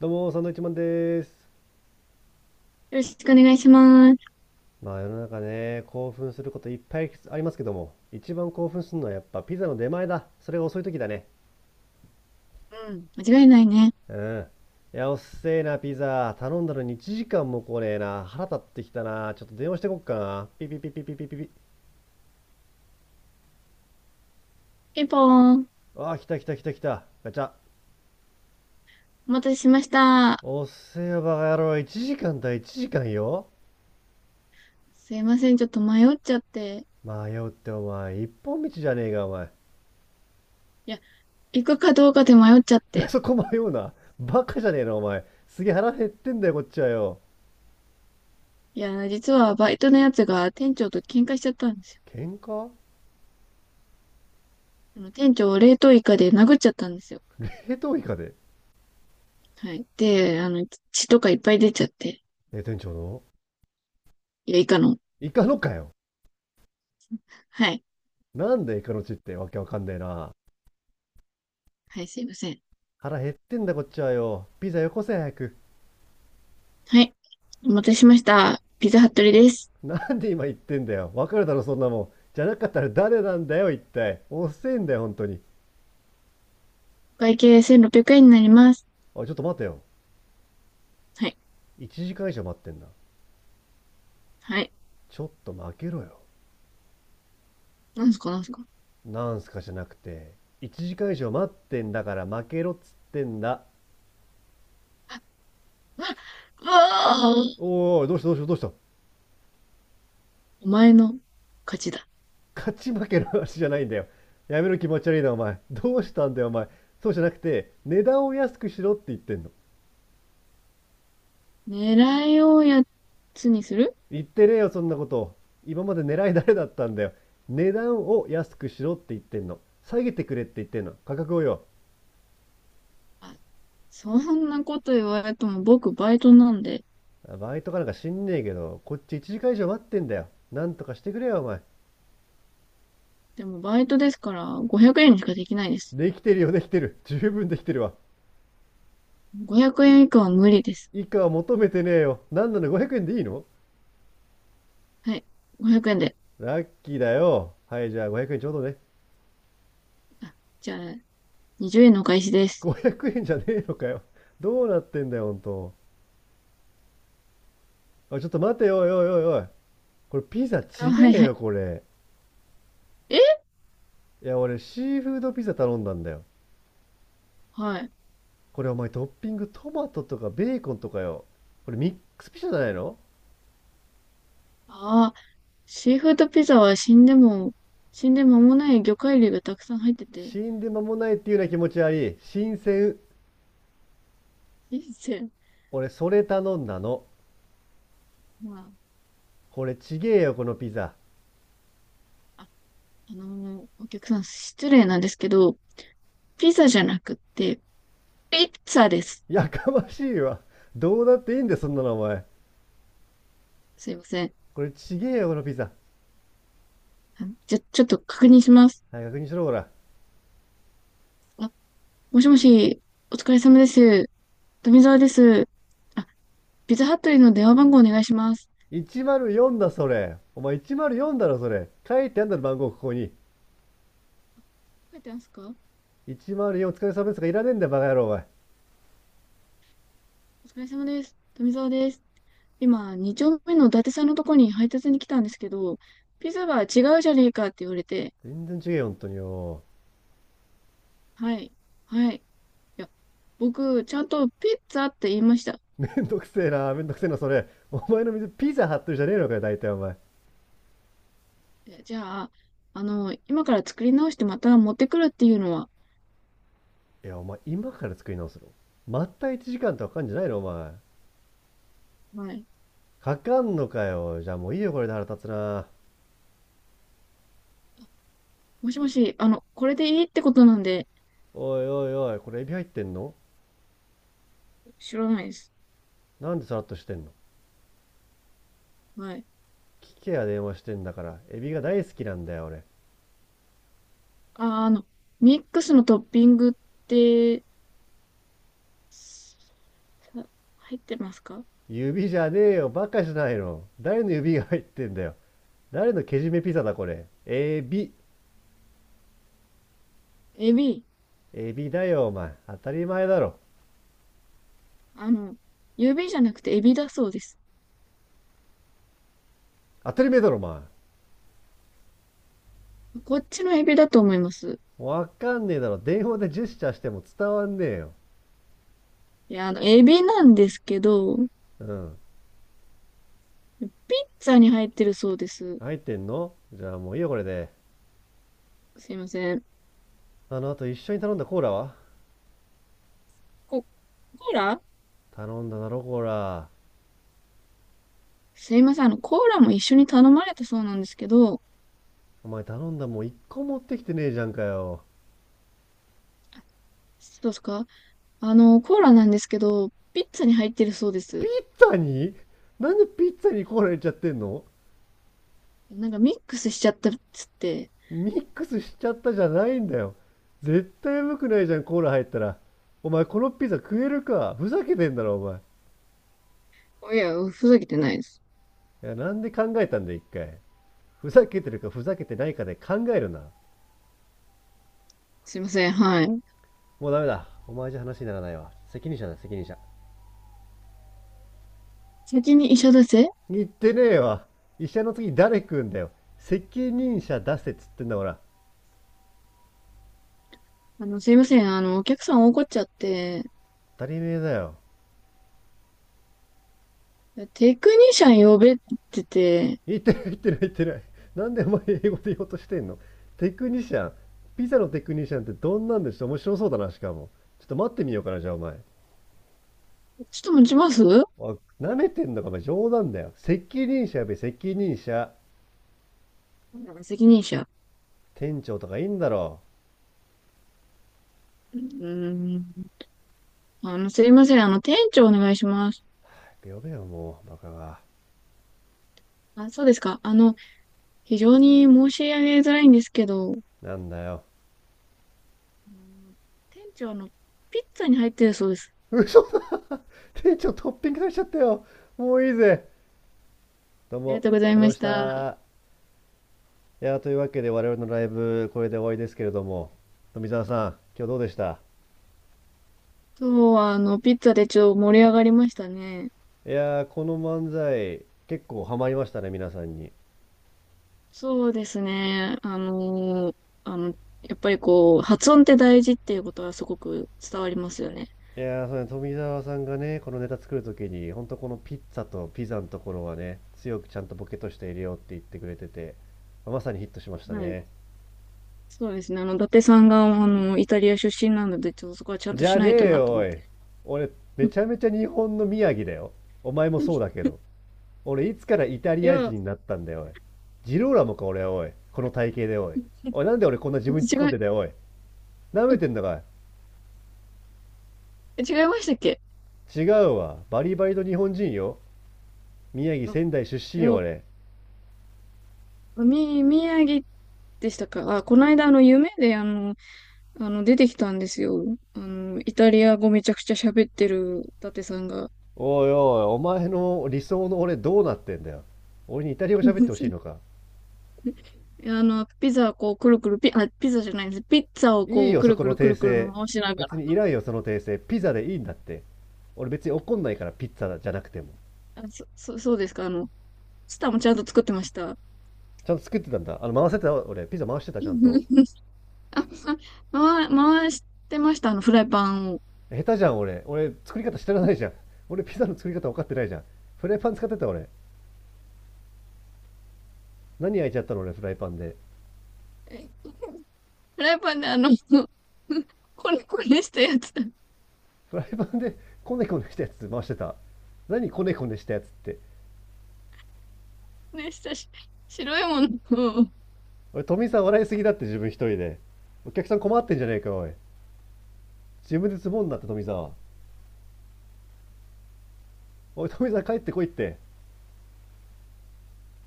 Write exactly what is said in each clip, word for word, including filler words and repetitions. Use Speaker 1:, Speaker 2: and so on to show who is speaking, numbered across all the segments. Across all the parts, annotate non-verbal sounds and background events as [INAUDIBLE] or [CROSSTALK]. Speaker 1: どうも、サンドイッチマンです。
Speaker 2: よろしくお願いします。
Speaker 1: まあ世の中ね、興奮することいっぱいありますけども、一番興奮するのはやっぱピザの出前だ。それが遅い時だね。
Speaker 2: うん、間違いないね。
Speaker 1: うん。いや、おっせえな、ピザ。頼んだのにいちじかんも来ねえな。腹立ってきたな。ちょっと電話してこっかな。ピピピピピピピピ。
Speaker 2: ピンポーン。
Speaker 1: ああ、来た来た来た来た。ガチャ。
Speaker 2: お待たせしました。
Speaker 1: おっせえよ、バカ野郎。いちじかんだ、いちじかんよ。
Speaker 2: すいません、ちょっと迷っちゃって。
Speaker 1: 迷うってお前、一本道じゃねえか、お前。
Speaker 2: いや、行くかどうかで迷っちゃっ
Speaker 1: [LAUGHS]
Speaker 2: て。
Speaker 1: そこ迷うな。バカじゃねえの、お前。すげえ腹減ってんだよ、こっちはよ。
Speaker 2: いや、実はバイトのやつが店長と喧嘩しちゃったんですよ。
Speaker 1: 喧嘩
Speaker 2: あの店長を冷凍イカで殴っちゃったんですよ。
Speaker 1: 冷凍イカで、
Speaker 2: はい。で、あの、血とかいっぱい出ちゃって。
Speaker 1: え店長の
Speaker 2: いや、イカの。
Speaker 1: イカのかよ、
Speaker 2: はい。
Speaker 1: なんでイカの血ってわけわかんねえな。
Speaker 2: はい、すいません。
Speaker 1: 腹減ってんだこっちはよ、ピザよこせ早く。
Speaker 2: はい。お待たせしました。ピザハットリです。
Speaker 1: なんで今言ってんだよ、わかるだろそんなもん。じゃなかったら誰なんだよ一体、遅えんだよ本当に。
Speaker 2: お会計せんろっぴゃくえんになります。
Speaker 1: あ、ちょっと待てよ。
Speaker 2: はい。
Speaker 1: 一時間以上待ってんな。
Speaker 2: はい。
Speaker 1: ちょっと負けろよ。
Speaker 2: なんすか、なんすか。
Speaker 1: なんすかじゃなくて、一時間以上待ってんだから負けろっつってんだ。
Speaker 2: あ、あ、ああ
Speaker 1: おいおい、どうしたどうしたどうした。
Speaker 2: お前の勝ちだ。
Speaker 1: 勝ち負けの話じゃないんだよ。やめろ気持ち悪いな、お前。どうしたんだよ、お前。そうじゃなくて、値段を安くしろって言ってんの。
Speaker 2: 狙いをやつにする。
Speaker 1: 言ってねえよ、そんなこと。今まで狙い誰だったんだよ。値段を安くしろって言ってんの。下げてくれって言ってんの。価格をよ。
Speaker 2: あ、そんなこと言われても僕バイトなんで。
Speaker 1: バイトかなんか知んねえけど、こっち一時間以上待ってんだよ。なんとかしてくれよ、お前。
Speaker 2: でもバイトですからごひゃくえんにしかできないです。
Speaker 1: できてるよ、できてる。十分できてるわ。
Speaker 2: ごひゃくえん以下は無理です。
Speaker 1: 以下は求めてねえよ。なんなの、ごひゃくえんでいいの？
Speaker 2: はい。ごひゃくえんで。
Speaker 1: ラッキーだよ。はい、じゃあごひゃくえんちょうどね。
Speaker 2: あ、じゃあ、にじゅうえんのお返しです。
Speaker 1: ごひゃくえんじゃねえのかよ。どうなってんだよ、ほんと。あ、ちょっと待てよ、おいおいおいおい。これピザ
Speaker 2: あ、
Speaker 1: ち
Speaker 2: はい
Speaker 1: げえ
Speaker 2: はい。
Speaker 1: よ、これ。
Speaker 2: え
Speaker 1: いや、俺シーフードピザ頼んだんだよ。
Speaker 2: はい。
Speaker 1: これお前トッピングトマトとかベーコンとかよ。これミックスピザじゃないの？
Speaker 2: ああ、シーフードピザは死んでも、死んで間もない魚介類がたくさん入ってて、
Speaker 1: 死んで間もないっていうような気持ちあり、新鮮。
Speaker 2: 人生、
Speaker 1: 俺それ頼んだの。
Speaker 2: ま
Speaker 1: これちげえよ、このピザ。
Speaker 2: あ、あ、あのーお客さん失礼なんですけど、ピザじゃなくって、ピッツァです。
Speaker 1: やかましいわ。どうだっていいんだよ、そんなのお前。
Speaker 2: すいません。
Speaker 1: これちげえよ、このピザ。
Speaker 2: じゃ、ちょっと確認します。
Speaker 1: はい、確認しろ、ほら。
Speaker 2: あ、もしもし、お疲れ様です。富澤です。あ、ピザハットリーの電話番号お願いします。
Speaker 1: いちまるよんだ、それ。お前いちまるよんだろ、それ。書いてあんだろ、番号、ここに。
Speaker 2: 書いてますか？
Speaker 1: いちまるよんお疲れ様ですがかいらねえんだよ、バカ野郎、お前。
Speaker 2: お疲れ様です。富澤です。今、に丁目の伊達さんのとこに配達に来たんですけど、ピザは違うじゃねえかって言われて、
Speaker 1: 全然違えよ、ほんとによ。
Speaker 2: はい、はい。いや、僕、ちゃんとピッツァって言いました。
Speaker 1: [LAUGHS] めんどくせえな、めんどくせえな、それ。お前の水、ピザ貼ってるじゃねえのかよ、大体、お前。
Speaker 2: えじゃあ、あの、今から作り直してまた持ってくるっていうのは、
Speaker 1: いや、お前、今から作り直すの？まったいちじかんとかかかんじゃないの、お前。
Speaker 2: はい。
Speaker 1: かかんのかよ。じゃあもういいよ、これで腹立つな。
Speaker 2: もしもし、あの、これでいいってことなんで、
Speaker 1: おいおいおい、これエビ入ってんの？
Speaker 2: 知らないです。
Speaker 1: なんでさらっとしてんの？
Speaker 2: はい。
Speaker 1: 聞けや、電話してんだから。エビが大好きなんだよ、俺。
Speaker 2: あ、あの、ミックスのトッピングって、さ入ってますか？
Speaker 1: 指じゃねえよ、バカじゃないの。誰の指が入ってんだよ。誰のけじめピザだ、これ。エビ。
Speaker 2: エビ。
Speaker 1: エビだよ、お前。当たり前だろ。
Speaker 2: あの、指じゃなくてエビだそうです。
Speaker 1: 当たり前だろ、お前。
Speaker 2: こっちのエビだと思います。
Speaker 1: わかんねえだろ。電話でジェスチャーしても伝わんねえよ。
Speaker 2: いや、あの、エビなんですけど、ピ
Speaker 1: うん。
Speaker 2: ッツァに入ってるそうです。
Speaker 1: 入ってんの？じゃあもういいよ、これで。
Speaker 2: すいません。
Speaker 1: あの、あと一緒に頼んだコーラは？
Speaker 2: コ、コーラ。
Speaker 1: 頼んだだろ、コーラ。
Speaker 2: すいません。あの、コーラも一緒に頼まれたそうなんですけど、
Speaker 1: お前頼んだもう一個持ってきてねえじゃんかよ。
Speaker 2: あそうですか？あの、コーラなんですけど、ピッツァに入ってるそうで
Speaker 1: ピ
Speaker 2: す。
Speaker 1: ッツァに？なんでピッツァにコーラ入れちゃってんの？
Speaker 2: なんかミックスしちゃったっつって。
Speaker 1: ミックスしちゃったじゃないんだよ。絶対うまくないじゃんコーラ入ったら。お前このピザ食えるか、ふざけてんだろお前。
Speaker 2: いや、ふざけてないです。
Speaker 1: いや、なんで考えたんだよ一回。ふざけてるかふざけてないかで考えるな。
Speaker 2: すいません、はい。
Speaker 1: もうダメだ、お前じゃ話にならないわ。責任者だ責任者。
Speaker 2: 先に医者だせ。
Speaker 1: 言ってねえわ。医者の次誰食うんだよ。責任者出せっつってんだから。
Speaker 2: あの、すいません、あの、お客さん怒っちゃって、
Speaker 1: 当たり前だよ。
Speaker 2: テクニシャン呼べって言ってて、
Speaker 1: 言ってない言ってない言ってない。なんでお前英語で言おうとしてんの。テクニシャン。ピザのテクニシャンってどんなんでしょう、面白そうだなしかも。ちょっと待ってみようかなじゃあお前。
Speaker 2: ちょっと持ちます。
Speaker 1: おい、舐めてんのかお前。冗談だよ。責任者、やべ責任者。
Speaker 2: 責任者。
Speaker 1: 店長とかいいんだろ？
Speaker 2: うーん。あの、すいません、あの、店長お願いします。
Speaker 1: 早く呼べよもう、バカが。
Speaker 2: あ、そうですか。あの、非常に申し上げづらいんですけど、あ
Speaker 1: なんだよ。
Speaker 2: の店長、あの、ピッツァに入ってるそうです。
Speaker 1: 嘘だ。店長トッピングされちゃったよ。もういいぜ。どう
Speaker 2: ありが
Speaker 1: も、
Speaker 2: とうござい
Speaker 1: ありがとうござい
Speaker 2: ま
Speaker 1: ま
Speaker 2: し
Speaker 1: し
Speaker 2: た。
Speaker 1: た。いやー、というわけで我々のライブこれで終わりですけれども、富澤さん今日どうでした？
Speaker 2: そう、あの、ピッツァでちょっと盛り上がりましたね。
Speaker 1: いやー、この漫才、結構ハマりましたね、皆さんに。
Speaker 2: そうですね。あのーあの、やっぱりこう、発音って大事っていうことはすごく伝わりますよね。
Speaker 1: いやー、そうね、富澤さんがね、このネタ作るときに、ほんとこのピッツァとピザのところはね、強くちゃんとボケとして入れようって言ってくれてて、まさにヒットしました
Speaker 2: はい。
Speaker 1: ね。
Speaker 2: そうですね。あの、伊達さんが、あの、イタリア出身なので、ちょっとそこはちゃん
Speaker 1: じ
Speaker 2: とし
Speaker 1: ゃ
Speaker 2: な
Speaker 1: ね
Speaker 2: いと
Speaker 1: え
Speaker 2: なと
Speaker 1: よ、
Speaker 2: 思
Speaker 1: お
Speaker 2: っ
Speaker 1: い。
Speaker 2: て。
Speaker 1: 俺、めちゃめちゃ日本の宮城だよ。お前も
Speaker 2: [LAUGHS]
Speaker 1: そう
Speaker 2: い
Speaker 1: だけど。俺、いつからイタリア人
Speaker 2: や、
Speaker 1: になったんだよ、おい。ジローラモか、俺、おい。この体型で、おい。おい、なんで俺こんな自分に突っ
Speaker 2: 違
Speaker 1: 込ん
Speaker 2: い、
Speaker 1: でんだよ、おい。舐めてんだかい。
Speaker 2: 違いましたっけ？
Speaker 1: 違うわ。バリバリの日本人よ。宮城
Speaker 2: あ、
Speaker 1: 仙台出身
Speaker 2: い
Speaker 1: よ
Speaker 2: や、
Speaker 1: 俺。
Speaker 2: み、宮城でしたか？あ、この間、あの、夢で、あの、あの、出てきたんですよ。あの、イタリア語めちゃくちゃ喋ってる伊達さんが。
Speaker 1: おいおい、お前の理想の俺どうなってんだよ。俺にイタリア語喋ってほしいの
Speaker 2: [LAUGHS]
Speaker 1: か。
Speaker 2: あの、ピザをこう、くるくるピ、あ、ピザじゃないです。ピッツァを
Speaker 1: いい
Speaker 2: こう、
Speaker 1: よ
Speaker 2: く
Speaker 1: そ
Speaker 2: る
Speaker 1: こ
Speaker 2: く
Speaker 1: の
Speaker 2: るく
Speaker 1: 訂
Speaker 2: るくる
Speaker 1: 正。
Speaker 2: 回しなが
Speaker 1: 別
Speaker 2: ら。
Speaker 1: にいらんよその訂正、ピザでいいんだって。俺別に怒んないからピッツァじゃなくても。
Speaker 2: あ、そ、そ、そうですか。あの、スタもちゃんと作ってました。
Speaker 1: ちゃんと作ってたんだ、あの回せてた？俺ピザ回してたちゃんと？
Speaker 2: [LAUGHS] あ、回、回してました。あの、フライパンを。
Speaker 1: 下手じゃん俺俺作り方知らないじゃん。俺ピザの作り方分かってないじゃん。フライパン使ってた俺。何焼いちゃったの俺フライパンで。
Speaker 2: えフライパンであの、[LAUGHS] こねこねしたやつ。
Speaker 1: フライパンでコネコネしたやつ回してた？何コネコネしたやつって。
Speaker 2: ね、したし、白いものを、
Speaker 1: おい、富澤笑いすぎだって自分一人で。お客さん困ってんじゃねえか、おい。自分でツボになって、富澤。おい、富澤帰ってこいって。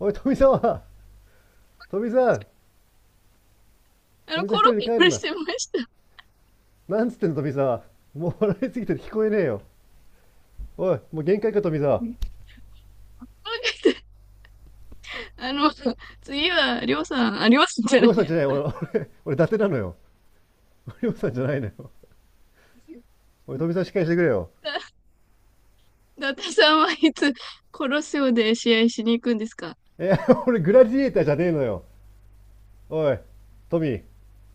Speaker 1: おい、富澤。富澤。
Speaker 2: あ
Speaker 1: 富
Speaker 2: の、
Speaker 1: 澤
Speaker 2: コ
Speaker 1: 一
Speaker 2: ロ
Speaker 1: 人
Speaker 2: ッ
Speaker 1: で帰る
Speaker 2: ケし
Speaker 1: な。
Speaker 2: てました。
Speaker 1: なんつってんの、富澤。もう笑いすぎて聞こえねえよ。おい、もう限界か、富澤。
Speaker 2: あの、次は、りょうさん、あ、りょうさんじゃ
Speaker 1: りょ
Speaker 2: な
Speaker 1: う
Speaker 2: い
Speaker 1: さんじ
Speaker 2: や。
Speaker 1: ゃない、俺、俺、俺伊達なのよ。りょうさんじゃないのよ。おい、富澤しっかりしてくれよ。
Speaker 2: だ、だたさんはいつ、コロッセオで試合しに行くんですか？
Speaker 1: え、[LAUGHS] 俺グラディエーターじゃねえのよ。おい、富。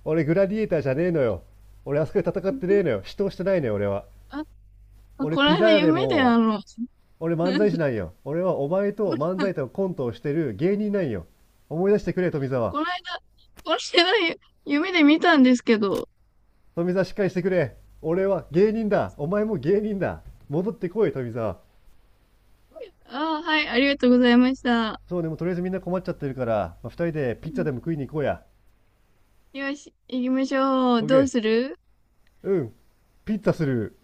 Speaker 1: 俺グラディエーターじゃねえのよ。俺あそこで戦ってねえのよ。
Speaker 2: [LAUGHS]
Speaker 1: 死闘してないのよ、俺は。
Speaker 2: あ、
Speaker 1: 俺
Speaker 2: この
Speaker 1: ピザ
Speaker 2: 間
Speaker 1: 屋で
Speaker 2: 夢であ
Speaker 1: も、
Speaker 2: の、[LAUGHS]
Speaker 1: 俺漫才師なんよ。俺はお前と漫才とコントをしてる芸人なんよ。思い出してくれ、富澤。
Speaker 2: この間、この間夢で見たんですけど、
Speaker 1: 富澤しっかりしてくれ。俺は芸人だ。お前も芸人だ。戻ってこい、富澤。
Speaker 2: ああ、はい、ありがとうございました。
Speaker 1: そうね、もうとりあえずみんな困っちゃってるから、まあ、人でピッツァでも食いに行こうや。
Speaker 2: よし、行きましょう。
Speaker 1: オッケ
Speaker 2: どうす
Speaker 1: ー。
Speaker 2: る？
Speaker 1: うん。ピッツァする。